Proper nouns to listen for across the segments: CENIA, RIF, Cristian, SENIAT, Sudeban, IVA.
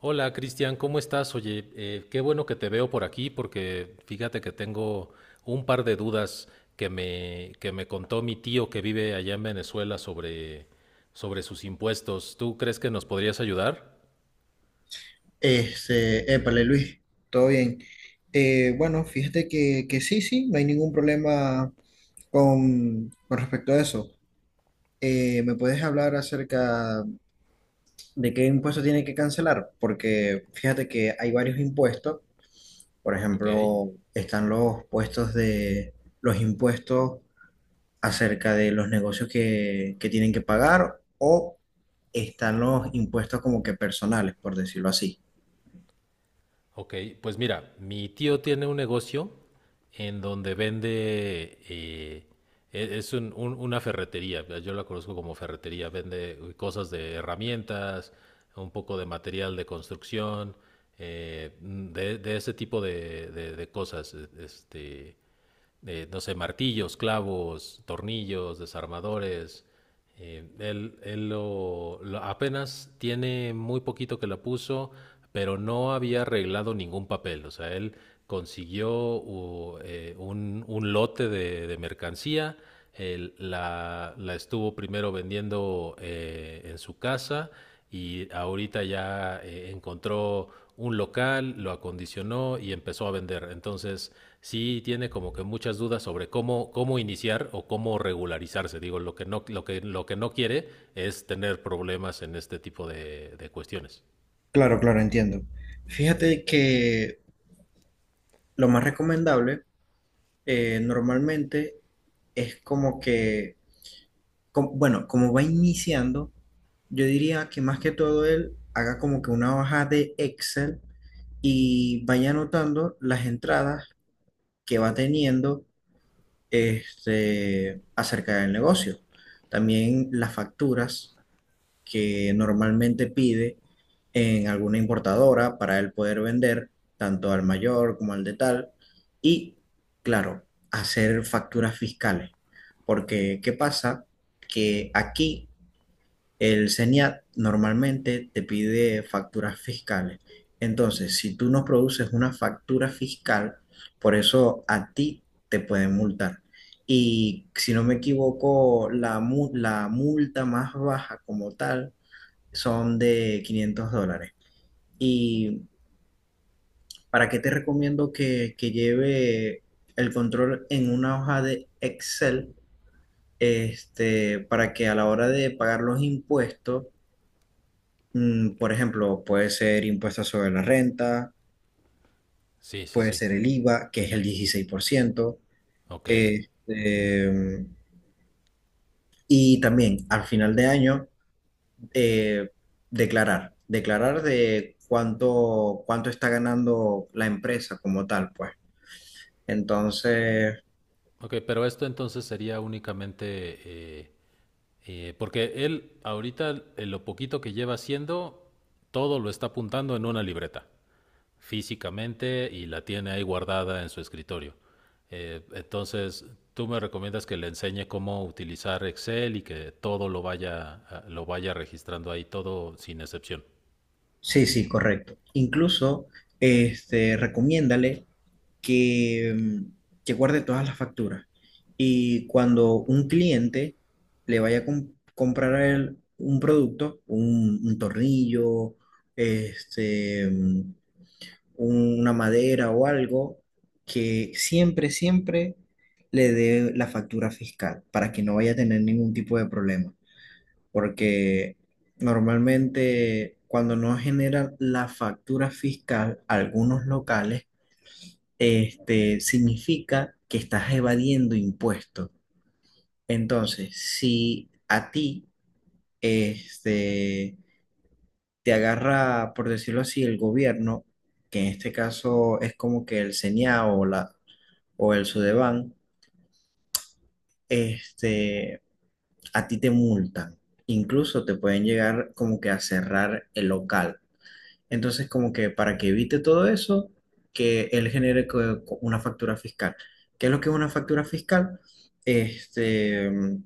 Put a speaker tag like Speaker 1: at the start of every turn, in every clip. Speaker 1: Hola Cristian, ¿cómo estás? Oye, qué bueno que te veo por aquí porque fíjate que tengo un par de dudas que me contó mi tío que vive allá en Venezuela sobre sus impuestos. ¿Tú crees que nos podrías ayudar?
Speaker 2: Épale Luis, todo bien. Bueno, fíjate que sí, sí, no hay ningún problema con respecto a eso. ¿Me puedes hablar acerca de qué impuesto tiene que cancelar? Porque fíjate que hay varios impuestos. Por
Speaker 1: Ok.
Speaker 2: ejemplo, están los puestos de los impuestos acerca de los negocios que tienen que pagar o están los impuestos como que personales, por decirlo así.
Speaker 1: Ok, pues mira, mi tío tiene un negocio en donde vende, es una ferretería, yo la conozco como ferretería, vende cosas de herramientas, un poco de material de construcción, de ese tipo de cosas. Este, de, no sé, martillos, clavos, tornillos, desarmadores. Él apenas tiene muy poquito que la puso, pero no había arreglado ningún papel. O sea, él consiguió un lote de mercancía. Él la estuvo primero vendiendo en su casa y ahorita ya encontró un local, lo acondicionó y empezó a vender. Entonces, sí tiene como que muchas dudas sobre cómo iniciar o cómo regularizarse. Digo, lo que no quiere es tener problemas en este tipo de cuestiones.
Speaker 2: Claro, claro, entiendo. Fíjate que lo más recomendable normalmente es como que, bueno, como va iniciando, yo diría que más que todo él haga como que una hoja de Excel y vaya anotando las entradas que va teniendo, acerca del negocio. También las facturas, que normalmente pide en alguna importadora para él poder vender tanto al mayor como al de tal y, claro, hacer facturas fiscales. Porque, ¿qué pasa? Que aquí el SENIAT normalmente te pide facturas fiscales. Entonces, si tú no produces una factura fiscal, por eso a ti te pueden multar. Y si no me equivoco, la multa más baja como tal son de $500. ¿Y para qué te recomiendo que lleve el control en una hoja de Excel? Para que a la hora de pagar los impuestos, por ejemplo, puede ser impuestos sobre la renta,
Speaker 1: Sí, sí,
Speaker 2: puede
Speaker 1: sí.
Speaker 2: ser el IVA, que es el 16%,
Speaker 1: Ok.
Speaker 2: este, mm, y también al final de año eh, declarar de cuánto está ganando la empresa como tal, pues. Entonces,
Speaker 1: Ok, pero esto entonces sería únicamente eh, porque él ahorita, en lo poquito que lleva haciendo, todo lo está apuntando en una libreta físicamente, y la tiene ahí guardada en su escritorio. Entonces, tú me recomiendas que le enseñe cómo utilizar Excel y que todo lo vaya, ah, lo vaya registrando ahí, todo sin excepción.
Speaker 2: sí, sí, correcto. Incluso, recomiéndale que, mm, que guarde todas las facturas. Y cuando un cliente le vaya a comprar a él un producto, un tornillo, este, mm, una madera o algo, que siempre, siempre le dé la factura fiscal para que no vaya a tener ningún tipo de problema. Porque normalmente cuando no generan la factura fiscal algunos locales, significa que estás evadiendo impuestos. Entonces, si a ti, este, te agarra, por decirlo así, el gobierno, que en este caso es como que el CENIA o o el Sudeban, este, a ti te multan. Incluso te pueden llegar como que a cerrar el local. Entonces, como que para que evite todo eso, que él genere una factura fiscal. ¿Qué es lo que es una factura fiscal? Este, mm,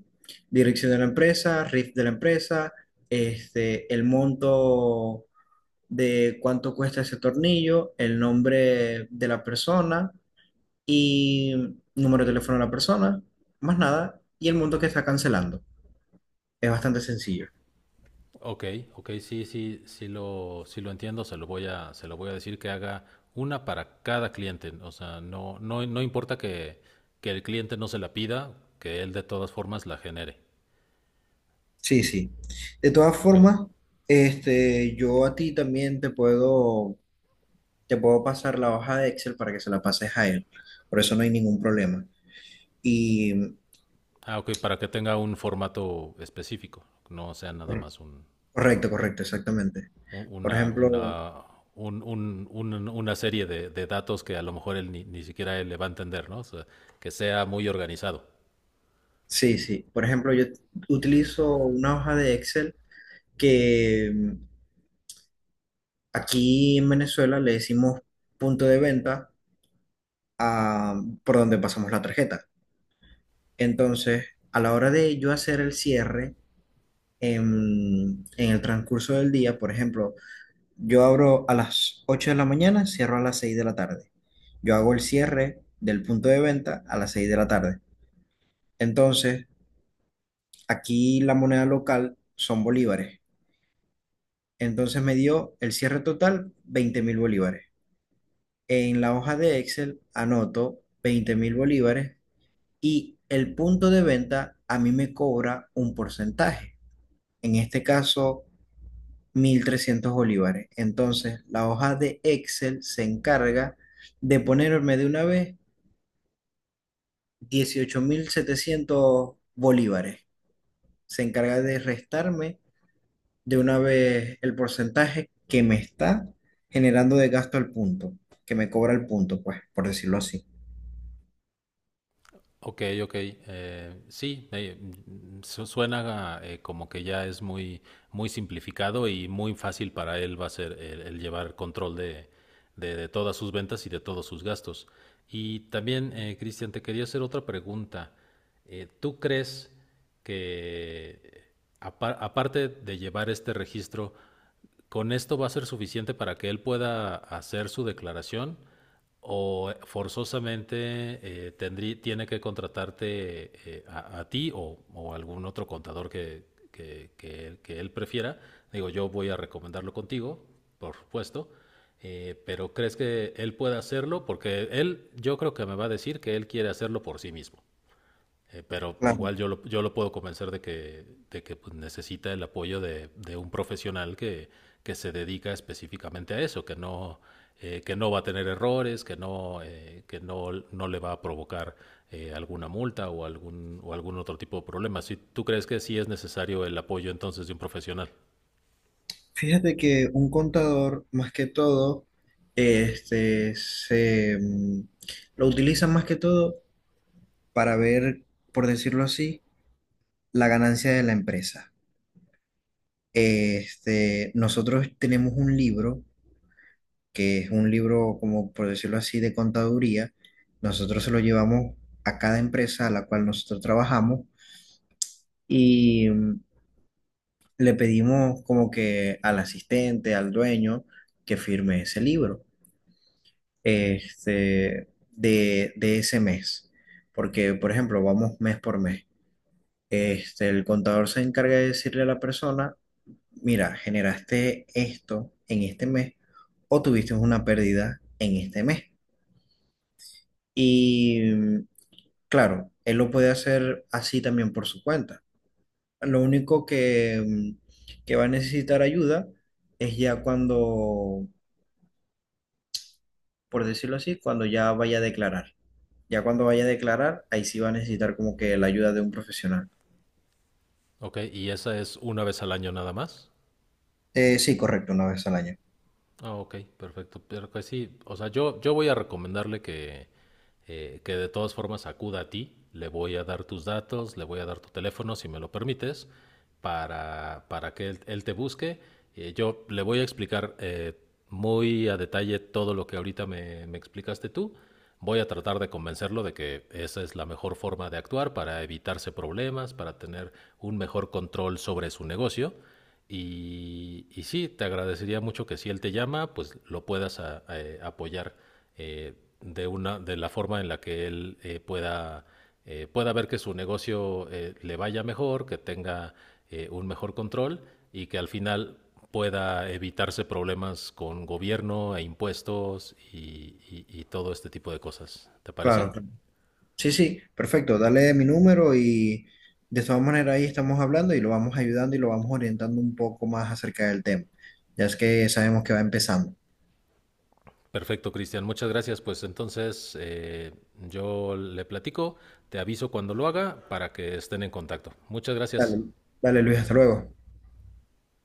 Speaker 2: Dirección de la empresa, RIF de la empresa, el monto de cuánto cuesta ese tornillo, el nombre de la persona y número de teléfono de la persona, más nada, y el monto que está cancelando. Es bastante sencillo.
Speaker 1: Ok, ok, sí, sí lo entiendo, se lo voy a decir que haga una para cada cliente. O sea, no importa que el cliente no se la pida, que él de todas formas la genere.
Speaker 2: Sí, sí. De todas
Speaker 1: Ok.
Speaker 2: formas, yo a ti también te puedo pasar la hoja de Excel para que se la pases a él. Por eso no hay ningún problema. Y
Speaker 1: Ah, ok, para que tenga un formato específico, no sea nada
Speaker 2: cor-
Speaker 1: más un,
Speaker 2: correcto, correcto, exactamente. Por ejemplo,
Speaker 1: una, un- una serie de datos que a lo mejor él ni, ni siquiera él le va a entender, ¿no? O sea, que sea muy organizado.
Speaker 2: sí, sí. Por ejemplo, yo utilizo una hoja de Excel que aquí en Venezuela le decimos punto de venta a, por donde pasamos la tarjeta. Entonces, a la hora de yo hacer el cierre, en el transcurso del día, por ejemplo, yo abro a las 8 de la mañana, cierro a las 6 de la tarde. Yo hago el cierre del punto de venta a las 6 de la tarde. Entonces, aquí la moneda local son bolívares. Entonces me dio el cierre total 20.000 bolívares. En la hoja de Excel anoto 20.000 bolívares y el punto de venta a mí me cobra un porcentaje. En este caso, 1300 bolívares. Entonces, la hoja de Excel se encarga de ponerme de una vez 18.700 bolívares. Se encarga de restarme de una vez el porcentaje que me está generando de gasto al punto, que me cobra el punto, pues, por decirlo así.
Speaker 1: Ok, ok. Suena como que ya es muy, muy simplificado, y muy fácil para él va a ser el llevar control de todas sus ventas y de todos sus gastos. Y también, Cristian, te quería hacer otra pregunta. ¿Tú crees que, aparte de llevar este registro, con esto va a ser suficiente para que él pueda hacer su declaración? ¿O forzosamente tiene que contratarte a ti o algún otro contador que él prefiera? Digo, yo voy a recomendarlo contigo, por supuesto, pero ¿crees que él pueda hacerlo? Porque él, yo creo que me va a decir que él quiere hacerlo por sí mismo. Pero
Speaker 2: Claro.
Speaker 1: igual yo lo puedo convencer de que, pues, necesita el apoyo de un profesional que se dedica específicamente a eso, que no va a tener errores, que no, no le va a provocar alguna multa o algún otro tipo de problema. Si tú crees que sí es necesario el apoyo entonces de un profesional,
Speaker 2: Fíjate que un contador, más que todo, este, se mm, lo utiliza más que todo para ver, por decirlo así, la ganancia de la empresa. Nosotros tenemos un libro, que es un libro, como por decirlo así, de contaduría. Nosotros se lo llevamos a cada empresa a la cual nosotros trabajamos y le pedimos como que al asistente, al dueño, que firme ese libro, de ese mes. Porque, por ejemplo, vamos mes por mes. El contador se encarga de decirle a la persona mira, generaste esto en este mes o tuviste una pérdida en este mes. Y claro, él lo puede hacer así también por su cuenta. Lo único que, que va a necesitar ayuda es ya cuando, por decirlo así, cuando ya vaya a declarar. Ya cuando vaya a declarar, ahí sí va a necesitar como que la ayuda de un profesional.
Speaker 1: ¿ok? Y esa es una vez al año nada más.
Speaker 2: Sí, correcto, una vez al año.
Speaker 1: Ah, ok, perfecto. Pero que sí, o sea, yo voy a recomendarle que de todas formas acuda a ti. Le voy a dar tus datos, le voy a dar tu teléfono, si me lo permites, para que él te busque. Yo le voy a explicar muy a detalle todo lo que ahorita me explicaste tú. Voy a tratar de convencerlo de que esa es la mejor forma de actuar para evitarse problemas, para tener un mejor control sobre su negocio. Y sí, te agradecería mucho que si él te llama, pues lo puedas apoyar eh, de la forma en la que él pueda, pueda ver que su negocio le vaya mejor, que tenga un mejor control y que al final pueda evitarse problemas con gobierno e impuestos y todo este tipo de cosas. ¿Te parece?
Speaker 2: Claro, sí, sí, perfecto. Dale mi número y de todas maneras ahí estamos hablando y lo vamos ayudando y lo vamos orientando un poco más acerca del tema. Ya es que sabemos que va empezando.
Speaker 1: Perfecto, Cristian. Muchas gracias. Pues entonces yo le platico, te aviso cuando lo haga para que estén en contacto. Muchas gracias.
Speaker 2: Dale, dale Luis, hasta luego.